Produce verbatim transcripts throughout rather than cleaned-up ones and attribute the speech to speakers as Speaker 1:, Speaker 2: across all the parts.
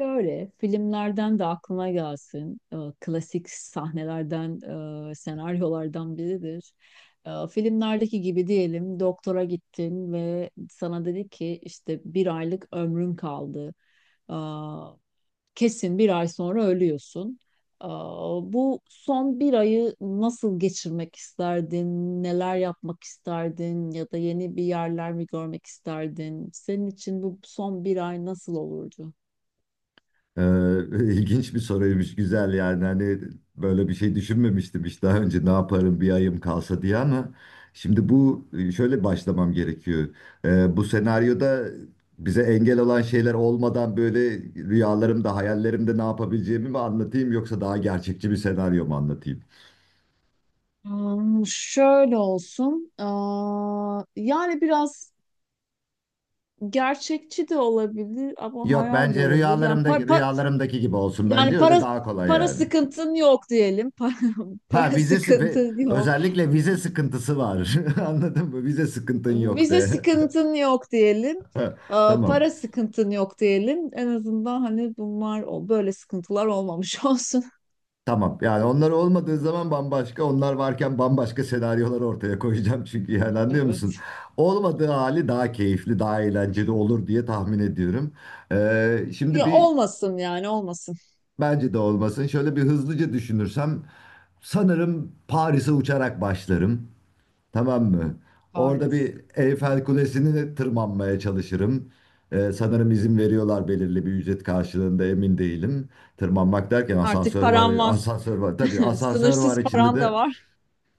Speaker 1: Şöyle filmlerden de aklıma gelsin. Ee, Klasik sahnelerden, e, senaryolardan biridir. Ee, Filmlerdeki gibi diyelim, doktora gittin ve sana dedi ki işte bir aylık ömrün kaldı. Aa, Kesin bir ay sonra ölüyorsun. Aa, Bu son bir ayı nasıl geçirmek isterdin? Neler yapmak isterdin? Ya da yeni bir yerler mi görmek isterdin? Senin için bu son bir ay nasıl olurdu?
Speaker 2: Ee, ilginç bir soruymuş, güzel yani hani böyle bir şey düşünmemiştim hiç daha önce ne yaparım bir ayım kalsa diye ama şimdi bu e, şöyle başlamam gerekiyor. Ee, bu senaryoda bize engel olan şeyler olmadan böyle rüyalarımda, hayallerimde ne yapabileceğimi mi anlatayım yoksa daha gerçekçi bir senaryo mu anlatayım?
Speaker 1: Hmm. Şöyle olsun. Aa, yani biraz gerçekçi de olabilir ama
Speaker 2: Yok
Speaker 1: hayal de
Speaker 2: bence
Speaker 1: olabilir. Yani para,
Speaker 2: rüyalarımdaki rüyalarımdaki gibi olsun
Speaker 1: yani
Speaker 2: bence öyle
Speaker 1: para
Speaker 2: daha kolay
Speaker 1: para
Speaker 2: yani.
Speaker 1: sıkıntın yok diyelim. Para,
Speaker 2: Ha
Speaker 1: para
Speaker 2: vizesi ve
Speaker 1: sıkıntın yok.
Speaker 2: özellikle vize sıkıntısı var. Anladın mı? Vize sıkıntın yok
Speaker 1: Vize
Speaker 2: de.
Speaker 1: sıkıntın yok diyelim.
Speaker 2: Ha,
Speaker 1: Aa,
Speaker 2: tamam.
Speaker 1: para sıkıntın yok diyelim. En azından hani bunlar o böyle sıkıntılar olmamış olsun.
Speaker 2: Tamam. Yani onlar olmadığı zaman bambaşka, onlar varken bambaşka senaryolar ortaya koyacağım çünkü yani anlıyor
Speaker 1: Evet.
Speaker 2: musun? Olmadığı hali daha keyifli, daha eğlenceli olur diye tahmin ediyorum. Ee, şimdi
Speaker 1: Ya
Speaker 2: bir
Speaker 1: olmasın, yani olmasın.
Speaker 2: bence de olmasın. Şöyle bir hızlıca düşünürsem sanırım Paris'e uçarak başlarım. Tamam mı? Orada
Speaker 1: Paris.
Speaker 2: bir Eyfel
Speaker 1: Okay.
Speaker 2: Kulesi'ni de tırmanmaya çalışırım. Ee, sanırım izin veriyorlar belirli bir ücret karşılığında emin değilim. Tırmanmak derken
Speaker 1: Artık
Speaker 2: asansör var,
Speaker 1: param var.
Speaker 2: asansör var. Tabii asansör var
Speaker 1: Sınırsız
Speaker 2: içinde
Speaker 1: param da
Speaker 2: de
Speaker 1: var.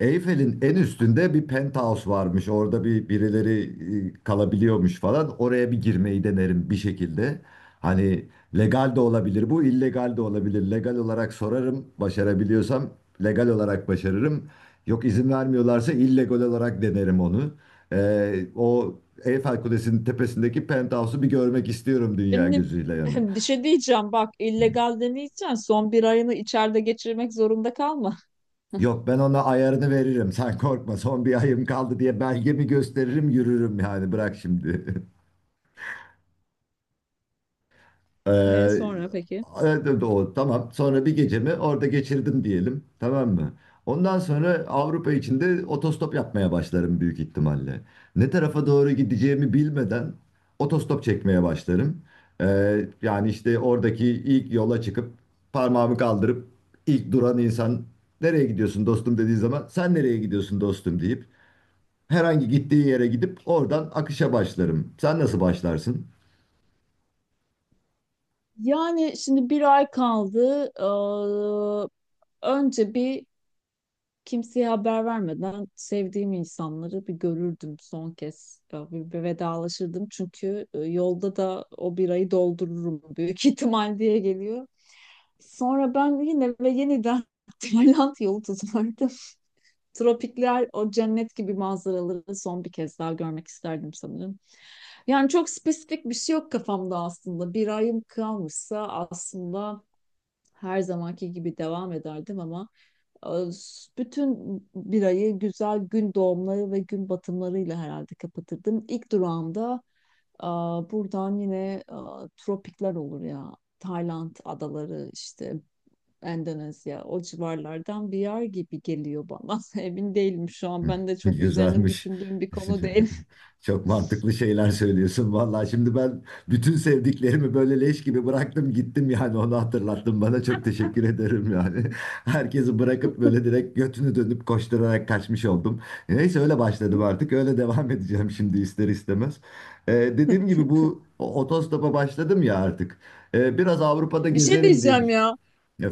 Speaker 2: Eyfel'in en üstünde bir penthouse varmış. Orada bir birileri e, kalabiliyormuş falan. Oraya bir girmeyi denerim bir şekilde. Hani legal de olabilir bu, illegal de olabilir. Legal olarak sorarım, başarabiliyorsam legal olarak başarırım. Yok izin vermiyorlarsa illegal olarak denerim onu. Ee, o Eyfel Kulesi'nin tepesindeki penthouse'u bir görmek istiyorum dünya
Speaker 1: Şimdi
Speaker 2: gözüyle yani.
Speaker 1: bir şey diyeceğim, bak, illegal deneyeceksin, son bir ayını içeride geçirmek zorunda kalma.
Speaker 2: Yok ben ona ayarını veririm. Sen korkma son bir ayım kaldı diye belgemi gösteririm yürürüm yani bırak şimdi.
Speaker 1: Ve
Speaker 2: Ee,
Speaker 1: sonra peki?
Speaker 2: evet, o, tamam sonra bir gecemi orada geçirdim diyelim tamam mı? Ondan sonra Avrupa içinde otostop yapmaya başlarım büyük ihtimalle. Ne tarafa doğru gideceğimi bilmeden otostop çekmeye başlarım. Ee, yani işte oradaki ilk yola çıkıp parmağımı kaldırıp ilk duran insan nereye gidiyorsun dostum dediği zaman sen nereye gidiyorsun dostum deyip herhangi gittiği yere gidip oradan akışa başlarım. Sen nasıl başlarsın?
Speaker 1: Yani şimdi bir ay kaldı. Ee, önce bir, kimseye haber vermeden sevdiğim insanları bir görürdüm son kez. Ya Bir, bir vedalaşırdım çünkü e, yolda da o bir ayı doldururum büyük ihtimal diye geliyor. Sonra ben yine ve yeniden Tayland yolu tutardım. Tropikler, o cennet gibi manzaraları son bir kez daha görmek isterdim sanırım. Yani çok spesifik bir şey yok kafamda aslında. Bir ayım kalmışsa aslında her zamanki gibi devam ederdim ama e, bütün bir ayı güzel gün doğumları ve gün batımlarıyla herhalde kapatırdım. İlk durağımda e, buradan yine e, tropikler olur ya. Tayland adaları işte, Endonezya, o civarlardan bir yer gibi geliyor bana. Emin değilim şu an. Ben de çok üzerine
Speaker 2: Güzelmiş.
Speaker 1: düşündüğüm bir konu değil.
Speaker 2: Çok mantıklı şeyler söylüyorsun. Vallahi şimdi ben bütün sevdiklerimi böyle leş gibi bıraktım gittim yani onu hatırlattın bana çok teşekkür ederim yani. Herkesi bırakıp böyle direkt götünü dönüp koşturarak kaçmış oldum. Neyse öyle başladım artık öyle devam edeceğim şimdi ister istemez. Ee, dediğim gibi bu o- otostopa başladım ya artık. Ee, biraz Avrupa'da
Speaker 1: Bir şey
Speaker 2: gezerim diye
Speaker 1: diyeceğim
Speaker 2: düşündüm
Speaker 1: ya.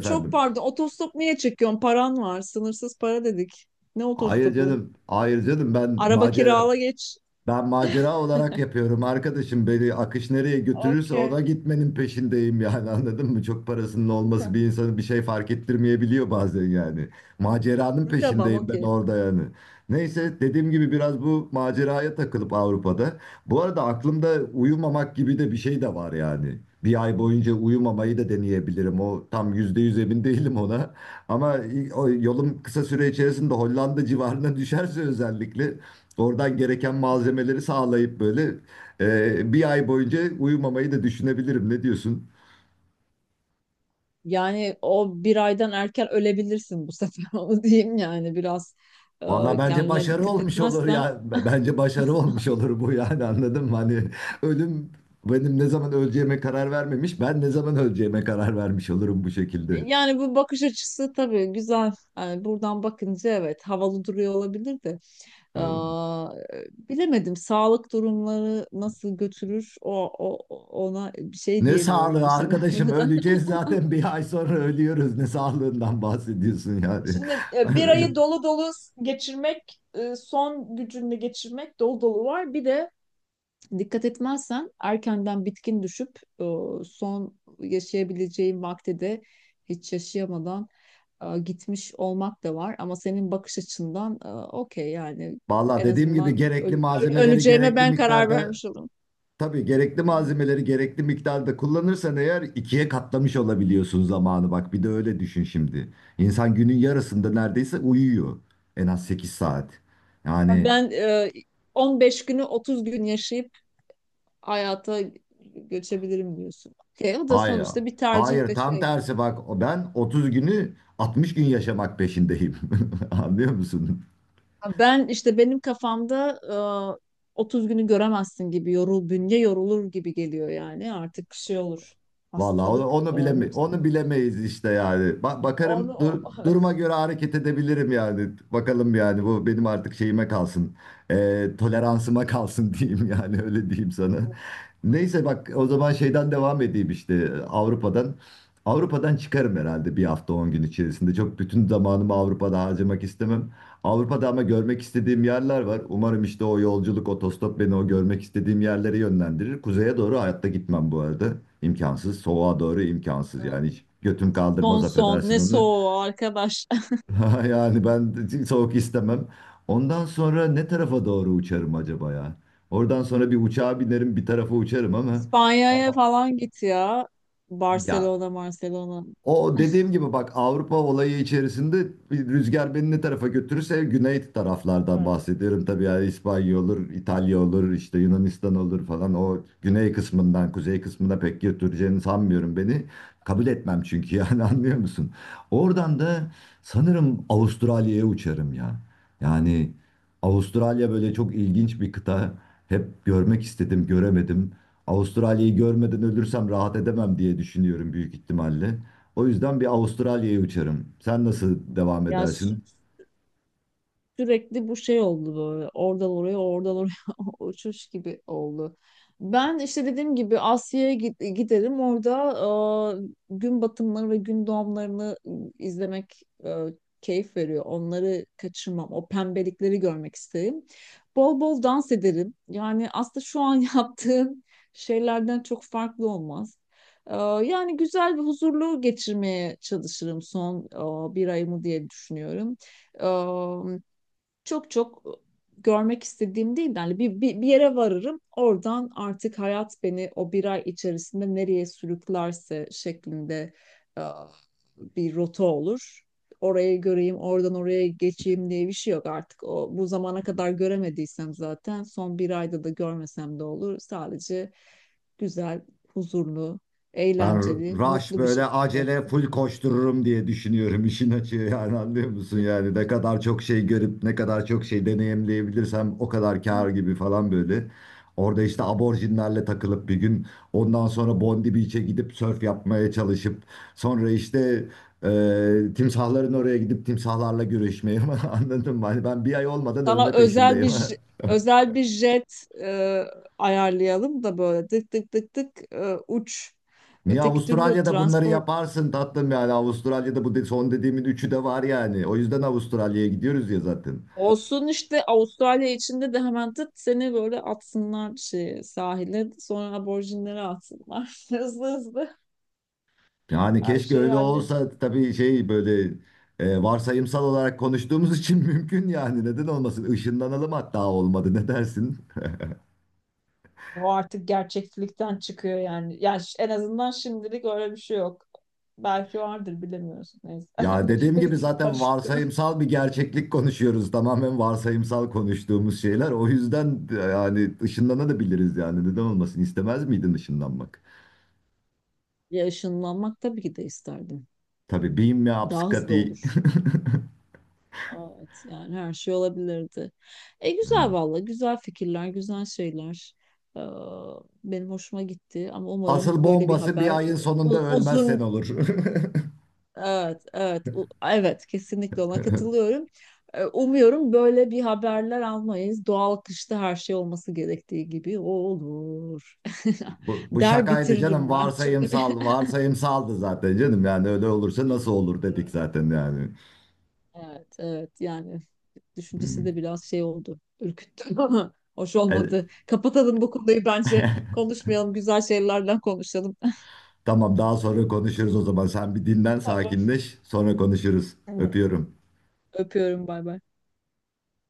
Speaker 1: Çok pardon. Otostop niye çekiyorsun? Paran var. Sınırsız para dedik. Ne
Speaker 2: Hayır
Speaker 1: otostopu?
Speaker 2: canım. Hayır canım ben
Speaker 1: Araba
Speaker 2: macera
Speaker 1: kirala geç.
Speaker 2: ben macera olarak yapıyorum arkadaşım. Beni akış nereye götürürse
Speaker 1: Okey.
Speaker 2: ona gitmenin peşindeyim yani anladın mı? Çok parasının olması bir insanı bir şey fark ettirmeyebiliyor bazen yani. Maceranın
Speaker 1: Tamam,
Speaker 2: peşindeyim ben
Speaker 1: okey.
Speaker 2: orada yani. Neyse dediğim gibi biraz bu maceraya takılıp Avrupa'da. Bu arada aklımda uyumamak gibi de bir şey de var yani. Bir ay boyunca uyumamayı da deneyebilirim. O tam yüzde yüz emin değilim ona. Ama o yolum kısa süre içerisinde Hollanda civarına düşerse özellikle oradan gereken malzemeleri sağlayıp böyle e, bir ay boyunca uyumamayı da düşünebilirim. Ne diyorsun?
Speaker 1: Yani o bir aydan erken ölebilirsin bu sefer, onu diyeyim yani, biraz e,
Speaker 2: Valla bence
Speaker 1: kendine
Speaker 2: başarı
Speaker 1: dikkat
Speaker 2: olmuş olur
Speaker 1: etmezsen.
Speaker 2: ya. B- Bence başarı olmuş olur bu yani anladın mı? Hani ölüm benim ne zaman öleceğime karar vermemiş. Ben ne zaman öleceğime karar vermiş olurum bu şekilde.
Speaker 1: Yani bu bakış açısı tabii güzel. Yani buradan bakınca evet, havalı duruyor olabilir de.
Speaker 2: Hmm.
Speaker 1: Aa, Bilemedim, sağlık durumları nasıl götürür o, o ona bir şey
Speaker 2: Ne
Speaker 1: diyemiyorum bu
Speaker 2: sağlığı arkadaşım
Speaker 1: senaryoda.
Speaker 2: öleceğiz zaten bir ay sonra ölüyoruz. Ne sağlığından bahsediyorsun yani.
Speaker 1: Şimdi e, bir ayı dolu dolu geçirmek, e, son gücünü geçirmek dolu dolu var. Bir de dikkat etmezsen erkenden bitkin düşüp e, son yaşayabileceğin vakti de hiç yaşayamadan e, gitmiş olmak da var. Ama senin bakış açından e, okey yani,
Speaker 2: Valla
Speaker 1: en
Speaker 2: dediğim gibi
Speaker 1: azından
Speaker 2: gerekli
Speaker 1: öl- öl-
Speaker 2: malzemeleri
Speaker 1: öleceğime
Speaker 2: gerekli
Speaker 1: ben karar
Speaker 2: miktarda
Speaker 1: vermiş olurum.
Speaker 2: tabii gerekli
Speaker 1: Hmm.
Speaker 2: malzemeleri gerekli miktarda kullanırsan eğer ikiye katlamış olabiliyorsun zamanı. Bak bir de öyle düşün şimdi. İnsan günün yarısında neredeyse uyuyor. En az sekiz saat. Yani
Speaker 1: Ben e, on beş günü otuz gün yaşayıp hayata göçebilirim diyorsun. Okey, o da
Speaker 2: hayır.
Speaker 1: sonuçta bir tercih
Speaker 2: Hayır
Speaker 1: ve
Speaker 2: tam
Speaker 1: şey.
Speaker 2: tersi bak o- ben otuz günü altmış gün yaşamak peşindeyim. Anlıyor musun?
Speaker 1: Ben işte, benim kafamda e, otuz günü göremezsin gibi, yorul, bünye yorulur gibi geliyor yani, artık şey olur,
Speaker 2: Vallahi onu,
Speaker 1: hastalık
Speaker 2: onu
Speaker 1: e,
Speaker 2: bileme onu
Speaker 1: nüksedir.
Speaker 2: bilemeyiz işte yani. Ba- bakarım
Speaker 1: Onu o-
Speaker 2: dur- duruma göre hareket edebilirim yani. Bakalım yani bu benim artık şeyime kalsın. Ee, toleransıma kalsın diyeyim yani öyle diyeyim sana. Neyse bak o zaman şeyden devam edeyim işte Avrupa'dan. Avrupa'dan çıkarım herhalde bir hafta on gün içerisinde. Çok bütün zamanımı Avrupa'da harcamak istemem. Avrupa'da ama görmek istediğim yerler var. Umarım işte o yolculuk, otostop beni o görmek istediğim yerlere yönlendirir. Kuzeye doğru hayatta gitmem bu arada. İmkansız. Soğuğa doğru imkansız. Yani hiç götüm
Speaker 1: Son
Speaker 2: kaldırmaz
Speaker 1: son ne
Speaker 2: affedersin onu.
Speaker 1: soğuğu arkadaş.
Speaker 2: Yani ben soğuk istemem. Ondan sonra ne tarafa doğru uçarım acaba ya? Oradan sonra bir uçağa binerim, bir tarafa uçarım ama...
Speaker 1: İspanya'ya
Speaker 2: Aa,
Speaker 1: falan git ya.
Speaker 2: ya
Speaker 1: Barcelona, Barcelona
Speaker 2: o dediğim gibi bak Avrupa olayı içerisinde bir rüzgar beni ne tarafa götürürse güney taraflardan bahsediyorum. Tabii yani İspanya olur, İtalya olur, işte Yunanistan olur falan. O güney kısmından kuzey kısmına pek götüreceğini sanmıyorum beni. Kabul etmem çünkü yani anlıyor musun? Oradan da sanırım Avustralya'ya uçarım ya. Yani Avustralya böyle çok ilginç bir kıta. Hep görmek istedim, göremedim. Avustralya'yı görmeden ölürsem rahat edemem diye düşünüyorum büyük ihtimalle. O yüzden bir Avustralya'ya uçarım. Sen nasıl devam
Speaker 1: ya.
Speaker 2: edersin?
Speaker 1: Sürekli bu şey oldu böyle. Oradan oraya, oradan oraya uçuş gibi oldu. Ben işte dediğim gibi Asya'ya git- giderim. Orada e, gün batımları ve gün doğumlarını izlemek e, keyif veriyor. Onları kaçırmam. O pembelikleri görmek isterim. Bol bol dans ederim. Yani aslında şu an yaptığım şeylerden çok farklı olmaz. E, Yani güzel ve huzurlu geçirmeye çalışırım son e, bir ayımı diye düşünüyorum. Çok çok görmek istediğim değil. Yani bir, bir, bir yere varırım. Oradan artık hayat beni o bir ay içerisinde nereye sürüklerse şeklinde e, bir rota olur. Orayı göreyim, oradan oraya geçeyim diye bir şey yok artık. O, bu zamana kadar göremediysem zaten son bir ayda da görmesem de olur. Sadece güzel, huzurlu,
Speaker 2: Ben
Speaker 1: eğlenceli,
Speaker 2: rush
Speaker 1: mutlu bir
Speaker 2: böyle
Speaker 1: şekilde.
Speaker 2: acele full koştururum diye düşünüyorum işin açığı yani anlıyor musun yani ne kadar çok şey görüp ne kadar çok şey deneyimleyebilirsem o kadar kâr gibi falan böyle. Orada işte aborjinlerle takılıp bir gün ondan sonra Bondi Beach'e gidip sörf yapmaya çalışıp sonra işte e, timsahların oraya gidip timsahlarla görüşmeye anladın mı? Hani ben bir ay olmadan
Speaker 1: Sana
Speaker 2: ölme
Speaker 1: özel
Speaker 2: peşindeyim.
Speaker 1: bir j- özel bir jet e, ayarlayalım da böyle tık tık tık tık, e, uç.
Speaker 2: Niye
Speaker 1: Öteki türlü
Speaker 2: Avustralya'da bunları
Speaker 1: transport
Speaker 2: yaparsın tatlım yani Avustralya'da bu de- son dediğimin üçü de var yani. O yüzden Avustralya'ya gidiyoruz ya zaten.
Speaker 1: olsun, işte Avustralya içinde de hemen tık seni böyle atsınlar şeye, sahile, sonra aborjinlere atsınlar. Hızlı hızlı
Speaker 2: Yani
Speaker 1: her
Speaker 2: keşke
Speaker 1: şeyi
Speaker 2: öyle
Speaker 1: hallet.
Speaker 2: olsa tabii şey böyle e, varsayımsal olarak konuştuğumuz için mümkün yani neden olmasın? Işınlanalım hatta olmadı ne dersin?
Speaker 1: O artık gerçeklikten çıkıyor yani. Yani ş- en azından şimdilik öyle bir şey yok. Belki vardır, bilemiyorsun. Neyse.
Speaker 2: Ya dediğim gibi zaten
Speaker 1: Karıştık.
Speaker 2: varsayımsal bir gerçeklik konuşuyoruz. Tamamen varsayımsal konuştuğumuz şeyler. O yüzden yani ışınlanabiliriz yani neden olmasın? İstemez miydin ışınlanmak?
Speaker 1: Ya ışınlanmak tabii ki de isterdim.
Speaker 2: Tabii beam me up
Speaker 1: Daha hızlı
Speaker 2: Scotty.
Speaker 1: olur. Evet, yani her şey olabilirdi. E güzel valla, güzel fikirler, güzel şeyler. Ee, Benim hoşuma gitti ama
Speaker 2: Asıl
Speaker 1: umarım böyle bir
Speaker 2: bombası bir
Speaker 1: haber,
Speaker 2: ayın sonunda
Speaker 1: u-
Speaker 2: ölmezsen
Speaker 1: uzun,
Speaker 2: olur.
Speaker 1: evet evet, u- evet kesinlikle ona katılıyorum. Ee, umuyorum böyle bir haberler almayız. Doğal kışta her şey olması gerektiği gibi olur.
Speaker 2: Bu, bu
Speaker 1: Der
Speaker 2: şakaydı canım.
Speaker 1: bitiririm ben çünkü.
Speaker 2: Varsayımsal, varsayımsaldı zaten canım. Yani öyle olursa nasıl olur dedik zaten yani.
Speaker 1: Evet, evet yani
Speaker 2: Hı
Speaker 1: düşüncesi
Speaker 2: hı.
Speaker 1: de biraz şey oldu, ürküttü ama hoş olmadı.
Speaker 2: E,
Speaker 1: Kapatalım bu konuyu bence, konuşmayalım, güzel şeylerden konuşalım.
Speaker 2: tamam daha sonra konuşuruz o zaman. Sen bir dinlen,
Speaker 1: Tamam.
Speaker 2: sakinleş. Sonra konuşuruz. Öpüyorum.
Speaker 1: Öpüyorum, bay bay.